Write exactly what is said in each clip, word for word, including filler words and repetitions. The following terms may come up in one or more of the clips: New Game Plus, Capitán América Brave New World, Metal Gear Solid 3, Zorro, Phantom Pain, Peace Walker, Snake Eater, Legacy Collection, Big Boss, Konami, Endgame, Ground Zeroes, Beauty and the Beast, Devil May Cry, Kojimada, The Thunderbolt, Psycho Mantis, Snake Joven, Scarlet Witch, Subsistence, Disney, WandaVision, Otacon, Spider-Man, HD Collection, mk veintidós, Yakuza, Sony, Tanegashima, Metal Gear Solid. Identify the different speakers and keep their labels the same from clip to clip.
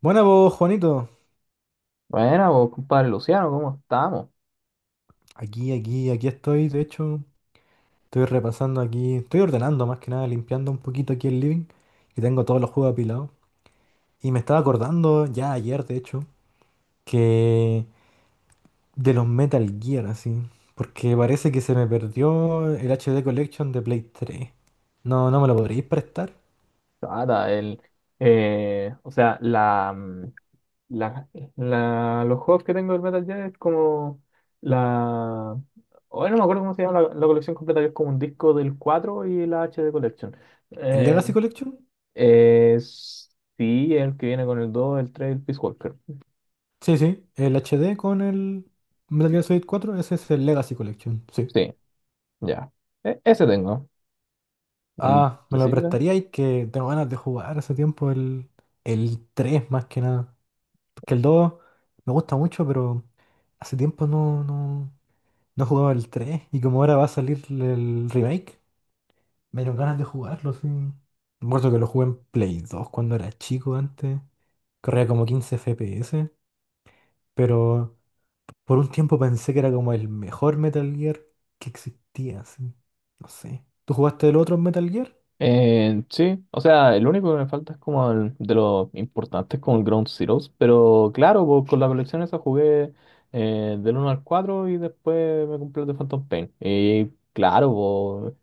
Speaker 1: Buena vos, Juanito.
Speaker 2: Bueno, vos, compadre Luciano, ¿cómo estamos?
Speaker 1: Aquí, aquí, aquí estoy. De hecho, estoy repasando aquí. Estoy ordenando más que nada, limpiando un poquito aquí el living. Y tengo todos los juegos apilados. Y me estaba acordando ya ayer, de hecho, que de los Metal Gear, así. Porque parece que se me perdió el H D Collection de Play tres. No, no me lo podréis prestar.
Speaker 2: Nada, el, eh, o sea, la, mm, la, la- los juegos que tengo del Metal Gear es como la... Hoy no me acuerdo cómo se llama la, la colección completa, que es como un disco del cuatro y la H D Collection.
Speaker 1: ¿El
Speaker 2: Eh,
Speaker 1: Legacy Collection?
Speaker 2: es, sí, el que viene con el dos, el tres, el Peace Walker.
Speaker 1: Sí, sí. El H D con el Metal Gear Solid cuatro. Ese es el Legacy Collection. Sí.
Speaker 2: Sí, ya. E- ese tengo. Mm,
Speaker 1: Ah,
Speaker 2: ¿te
Speaker 1: me lo
Speaker 2: sirve?
Speaker 1: prestaría y que tengo ganas de jugar hace tiempo el, el tres más que nada. Porque el dos me gusta mucho, pero hace tiempo no, no, no jugaba el tres. Y como ahora va a salir el remake, me dieron ganas de jugarlo, sí. Me acuerdo que lo jugué en Play dos cuando era chico antes. Corría como quince F P S, pero por un tiempo pensé que era como el mejor Metal Gear que existía, sí. No sé. ¿Tú jugaste el otro Metal Gear?
Speaker 2: Eh, sí, o sea, el único que me falta es como el- de los importantes, como el Ground Zeroes, pero claro, pues, con la colección esa jugué eh, del uno al cuatro, y después me compré el de Phantom Pain. Y claro, pues,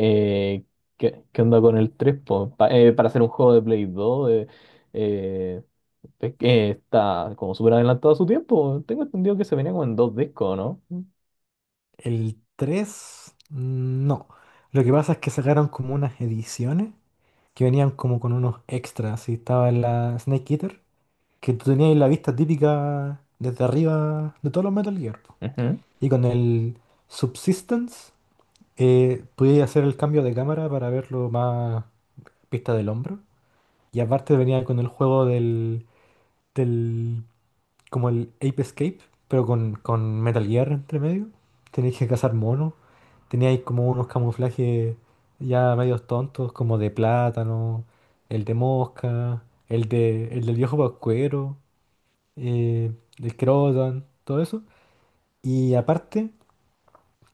Speaker 2: eh, ¿qué, qué onda con el tres? Pues, Pa- eh, para hacer un juego de Play dos eh, eh, es que está como súper adelantado a su tiempo. Tengo entendido que se venía como en dos discos, ¿no?
Speaker 1: El tres no. Lo que pasa es que sacaron como unas ediciones que venían como con unos extras. Y estaba la Snake Eater, que tú tenías la vista típica desde arriba de todos los Metal Gear, po.
Speaker 2: Ujú.
Speaker 1: Y con el Subsistence eh, podías hacer el cambio de cámara para verlo más vista del hombro. Y aparte venía con el juego del del, como el Ape Escape, pero con, con Metal Gear entre medio. Tenéis que cazar monos. Teníais como unos camuflajes ya medios tontos, como de plátano, el de mosca, el de, el del viejo pascuero, eh, el crotan, todo eso. Y aparte,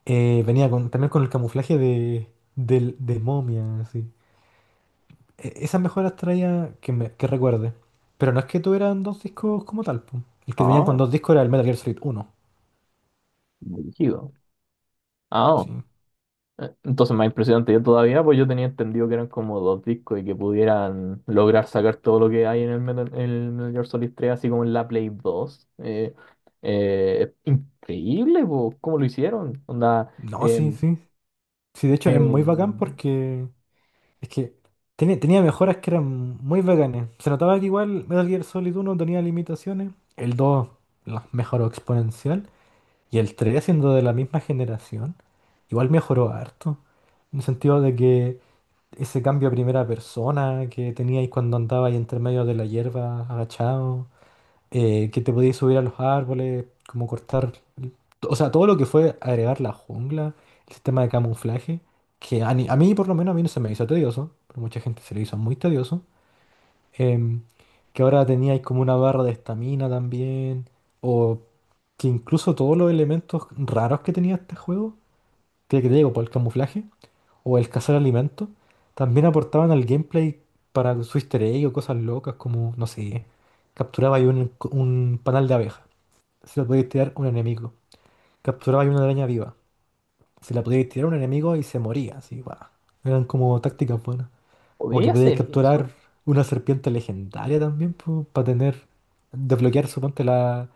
Speaker 1: eh, venía con, también con el camuflaje de, del- de momia, así. E- Esas mejoras traía que, me, que recuerde. Pero no es que tuvieran dos discos como tal, po. El que venían con
Speaker 2: Ah,
Speaker 1: dos discos era el Metal Gear Solid uno.
Speaker 2: brígido.
Speaker 1: Sí.
Speaker 2: Eh, Entonces, más impresionante yo todavía, pues yo tenía entendido que eran como dos discos y que pudieran lograr sacar todo lo que hay en el Metal, en el Metal Gear Solid tres, así como en la Play dos. Eh, eh, es increíble, pues, cómo lo hicieron. Onda,
Speaker 1: No, sí,
Speaker 2: eh,
Speaker 1: sí. Sí, de hecho es muy bacán
Speaker 2: eh,
Speaker 1: porque es que tenía, tenía mejoras que eran muy bacanes. Se notaba que igual Metal Gear Solid uno tenía limitaciones, el dos las mejoró exponencial y el tres siendo de la misma generación, igual mejoró harto. En el sentido de que ese cambio a primera persona que teníais cuando andabais entre medio de la hierba agachado, eh, que te podías subir a los árboles, como cortar, o sea, todo lo que fue agregar la jungla, el sistema de camuflaje, que a, ni- a mí por lo menos a mí no se me hizo tedioso, pero mucha gente se le hizo muy tedioso, em, que ahora teníais como una barra de estamina también, o que incluso todos los elementos raros que tenía este juego, que que te digo, por el camuflaje, o el cazar alimentos, también aportaban al gameplay para su easter egg o cosas locas como, no sé, capturaba ahí un, un panal de abejas, se la podíais tirar a un enemigo. Capturabais una araña viva. Se la podíais tirar a un enemigo y se moría, así, guau. Eran como tácticas buenas. O
Speaker 2: ¿podía
Speaker 1: que podíais
Speaker 2: hacer
Speaker 1: capturar
Speaker 2: eso?
Speaker 1: una serpiente legendaria también, para tener, desbloquear, suponte, la,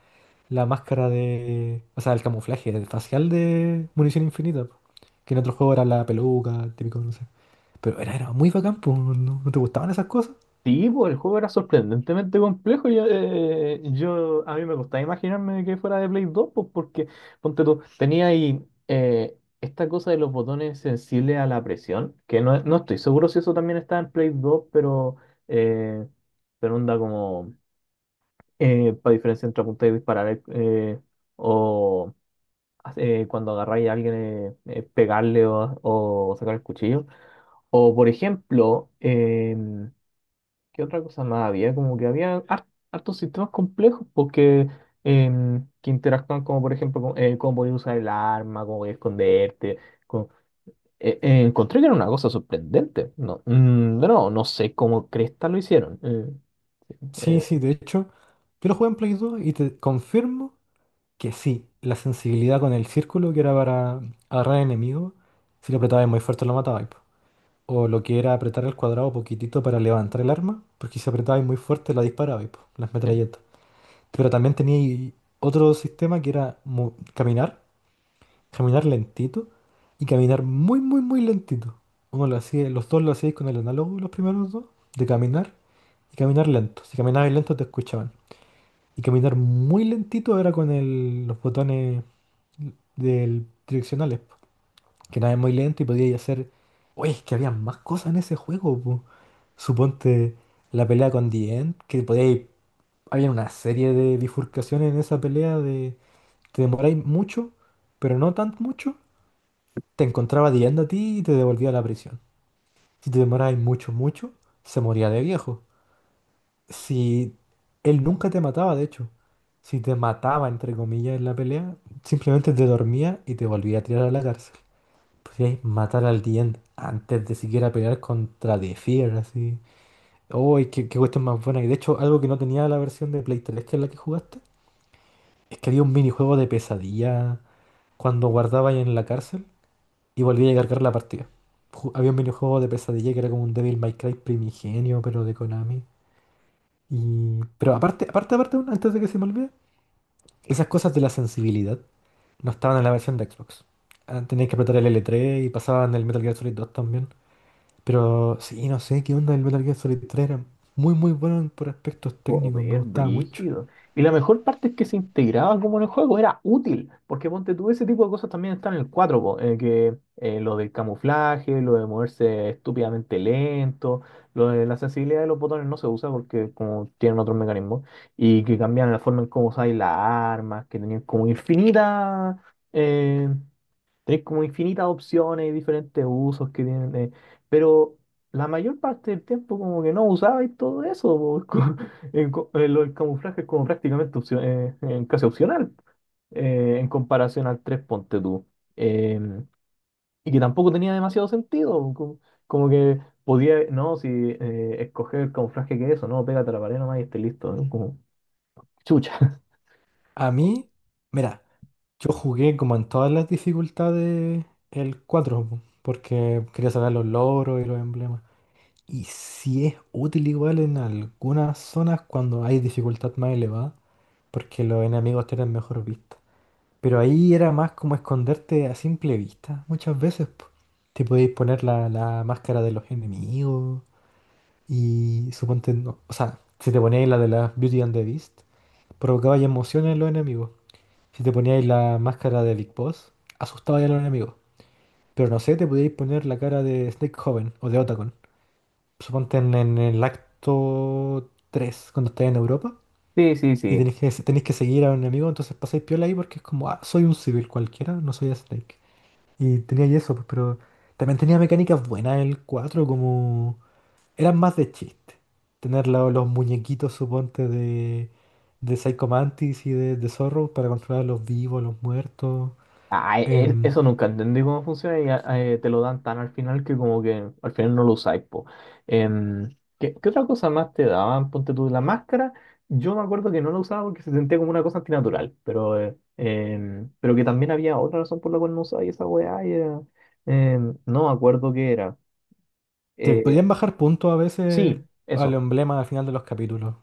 Speaker 1: la máscara de, o sea, el camuflaje facial de munición infinita, po. Que en otros juegos era la peluca, típico, no sé. Pero era, era muy bacán, po. ¿No, no te gustaban esas cosas?
Speaker 2: Sí, pues el juego era sorprendentemente complejo. Yo, eh, yo- a mí me costaba imaginarme que fuera de Play dos, pues porque, ponte tú, tenía ahí eh, esta cosa de los botones sensibles a la presión, que no, no estoy seguro si eso también está en Play dos, pero, eh, pero onda como para diferencia entre apuntar y disparar, eh, eh, o eh, cuando agarráis a alguien, eh, eh, pegarle o, o sacar el cuchillo. O por ejemplo, ¿qué otra cosa más había? Como que había har- hartos sistemas complejos porque em, que interactúan, como por ejemplo con, eh, cómo podías usar el arma, cómo podías esconderte. con- eh, eh, Encontré que era una cosa sorprendente. No, mm, de nuevo, no sé cómo cresta lo hicieron. Eh,
Speaker 1: Sí,
Speaker 2: eh,
Speaker 1: sí, de hecho, yo lo jugué en Play dos y te confirmo que sí, la sensibilidad con el círculo, que era para agarrar enemigos, si lo apretabais muy fuerte lo matabais, po. O lo que era apretar el cuadrado poquitito para levantar el arma, porque si apretabais muy fuerte la disparabais, po, las
Speaker 2: sí.
Speaker 1: metralletas. Pero también tenía otro sistema que era mu- caminar, caminar lentito y caminar muy, muy, muy lentito. Uno lo hacía, los dos lo hacíais con el análogo, los primeros dos, de caminar y caminar lento. Si caminabais lento te escuchaban. Y caminar muy lentito era con el- los botones del direccionales, po, que nada es muy lento y podía hacer. Oye, es que había más cosas en ese juego, po. Suponte la pelea con The End, que podíais. Había una serie de bifurcaciones en esa pelea de. Te demoráis mucho, pero no tan mucho. Te encontraba The End a ti y te devolvía a la prisión. Si te demoráis mucho, mucho, se moría de viejo. Si él nunca te mataba, de hecho, si te mataba, entre comillas, en la pelea, simplemente te dormía y te volvía a tirar a la cárcel. Podías matar al diente antes de siquiera pelear contra The Fear, así. ¡Uy, qué, qué cuestión más buena! Y de hecho, algo que no tenía la versión de Play tres, que es la que jugaste, es que había un minijuego de pesadilla cuando guardabas en la cárcel y volvía a cargar la partida. Ju- Había un minijuego de pesadilla que era como un Devil May Cry primigenio, pero de Konami. Y... Pero aparte, aparte, aparte, antes de que se me olvide, esas cosas de la sensibilidad no estaban en la versión de Xbox. Ah, tenías que apretar el L tres y pasaban el Metal Gear Solid dos también. Pero sí, no sé qué onda el Metal Gear Solid tres era muy muy bueno en- por aspectos técnicos, me
Speaker 2: Joder,
Speaker 1: gustaba mucho.
Speaker 2: brígido. Y la mejor parte es que se integraba como en el juego, era útil, porque ponte tú, ese tipo de cosas también están en el cuatro, po, eh, que eh, lo del camuflaje, lo de moverse estúpidamente lento, lo de la sensibilidad de los botones no se usa porque como tienen otros mecanismos, y que cambian la forma en cómo usáis las armas, que tenían como infinita, eh, tenés como infinitas opciones y diferentes usos que tienen, eh, pero la mayor parte del tiempo como que no usabais todo eso, po, es co- en co- eh, lo del camuflaje es como prácticamente opcio- eh, eh, casi opcional eh, en comparación al tres, ponte tú. Em, y que tampoco tenía demasiado sentido, co- como, que podía, no, si eh, escoger el camuflaje, que es eso, no, pégate a la pared nomás y esté listo, ¿no? Como chucha.
Speaker 1: A mí, mira, yo jugué como en todas las dificultades el cuatro, po, porque quería sacar los logros y los emblemas. Y sí es útil igual en algunas zonas cuando hay dificultad más elevada, porque los enemigos tienen mejor vista. Pero ahí era más como esconderte a simple vista, muchas veces, po. Te podéis poner la, la máscara de los enemigos y suponte, no- o sea, si te poníais la de la Beauty and the Beast, provocabais emociones en los enemigos. Si te poníais la máscara de Big Boss, asustabais a los enemigos. Pero no sé, te podíais poner la cara de Snake Joven o de Otacon. Suponte en, en el acto tres cuando estáis en Europa.
Speaker 2: Sí, sí,
Speaker 1: Y
Speaker 2: sí.
Speaker 1: tenéis que, tenéis que seguir a un enemigo, entonces pasáis piola ahí porque es como, ah, soy un civil cualquiera, no soy Snake. Y tenía y eso, pues, pero también tenía mecánicas buenas el cuatro como eran más de chiste. Tener la- los muñequitos, suponte, de, de Psycho Mantis y de, de Zorro para controlar a los vivos, los muertos.
Speaker 2: Ah, e- e-
Speaker 1: Em,
Speaker 2: eso nunca entendí cómo funciona, y ah, eh, te lo dan tan al final que como que al final no lo usáis, po. Em, ¿qué, qué otra cosa más te daban? Ponte tú la máscara. Yo me acuerdo que no la usaba porque se sentía como una cosa antinatural, pero, eh, em, pero que también había otra razón por la cual no usaba y esa weá, y era- em, no me acuerdo qué era.
Speaker 1: te
Speaker 2: Eh,
Speaker 1: podían bajar puntos a veces
Speaker 2: sí,
Speaker 1: al
Speaker 2: eso.
Speaker 1: emblema al final de los capítulos.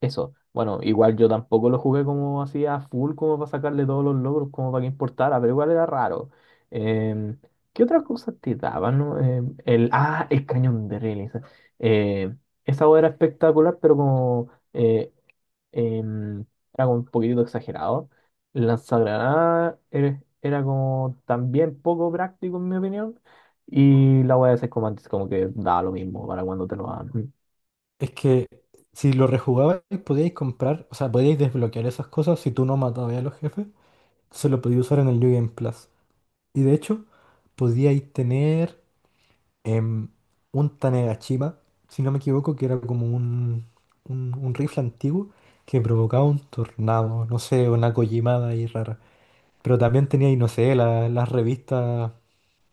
Speaker 2: Eso. Bueno, igual yo tampoco lo jugué como así a full, como para sacarle todos los logros, como para que importara, pero igual era raro. Em, ¿Qué otras cosas te daban, no? Em, el, ah, el cañón de Relis. Eh, Esa hueá era espectacular, pero como eh, em, era como un poquitito exagerado. El lanzagranada era, era como también poco práctico, en mi opinión. Y la hueá de seis comandos, como que da lo mismo para cuando te lo dan.
Speaker 1: Es que si lo rejugabais, podíais comprar, o sea, podíais desbloquear esas cosas si tú no matabas a los jefes. Se lo podíais usar en el New Game Plus. Y de hecho, podíais tener, em, un Tanegashima, si no me equivoco, que era como un, un, un rifle antiguo que provocaba un tornado, no sé, una Kojimada ahí rara. Pero también tenía, y no sé, la- las revistas,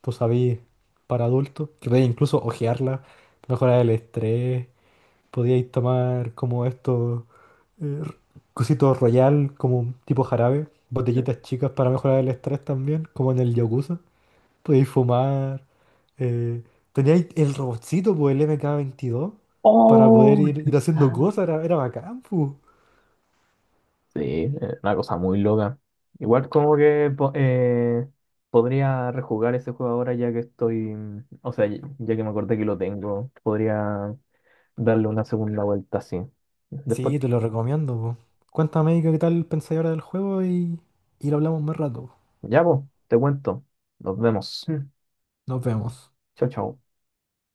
Speaker 1: tú sabías, para adultos, que podías incluso hojearlas, mejorar el estrés, podíais tomar como estos eh, cositos royal, como tipo jarabe, botellitas chicas para mejorar el estrés también, como en el Yakuza. Podíais fumar. Eh, teníais el robotcito, pues el eme ka veintidós para poder
Speaker 2: ¡Oh!
Speaker 1: ir, ir haciendo cosas, era, era bacán, pues.
Speaker 2: Sí, eh, una cosa muy loca. Igual como que po- eh, podría rejugar ese juego ahora ya que estoy, o sea, ya ya que me acordé que lo tengo, podría darle una segunda vuelta así. Después,
Speaker 1: Sí, te lo recomiendo, pues. Cuéntame qué tal pensáis ahora del juego y, y lo hablamos más rato.
Speaker 2: ya vos, te cuento. Nos vemos. Mm.
Speaker 1: Nos vemos.
Speaker 2: Chao, chao.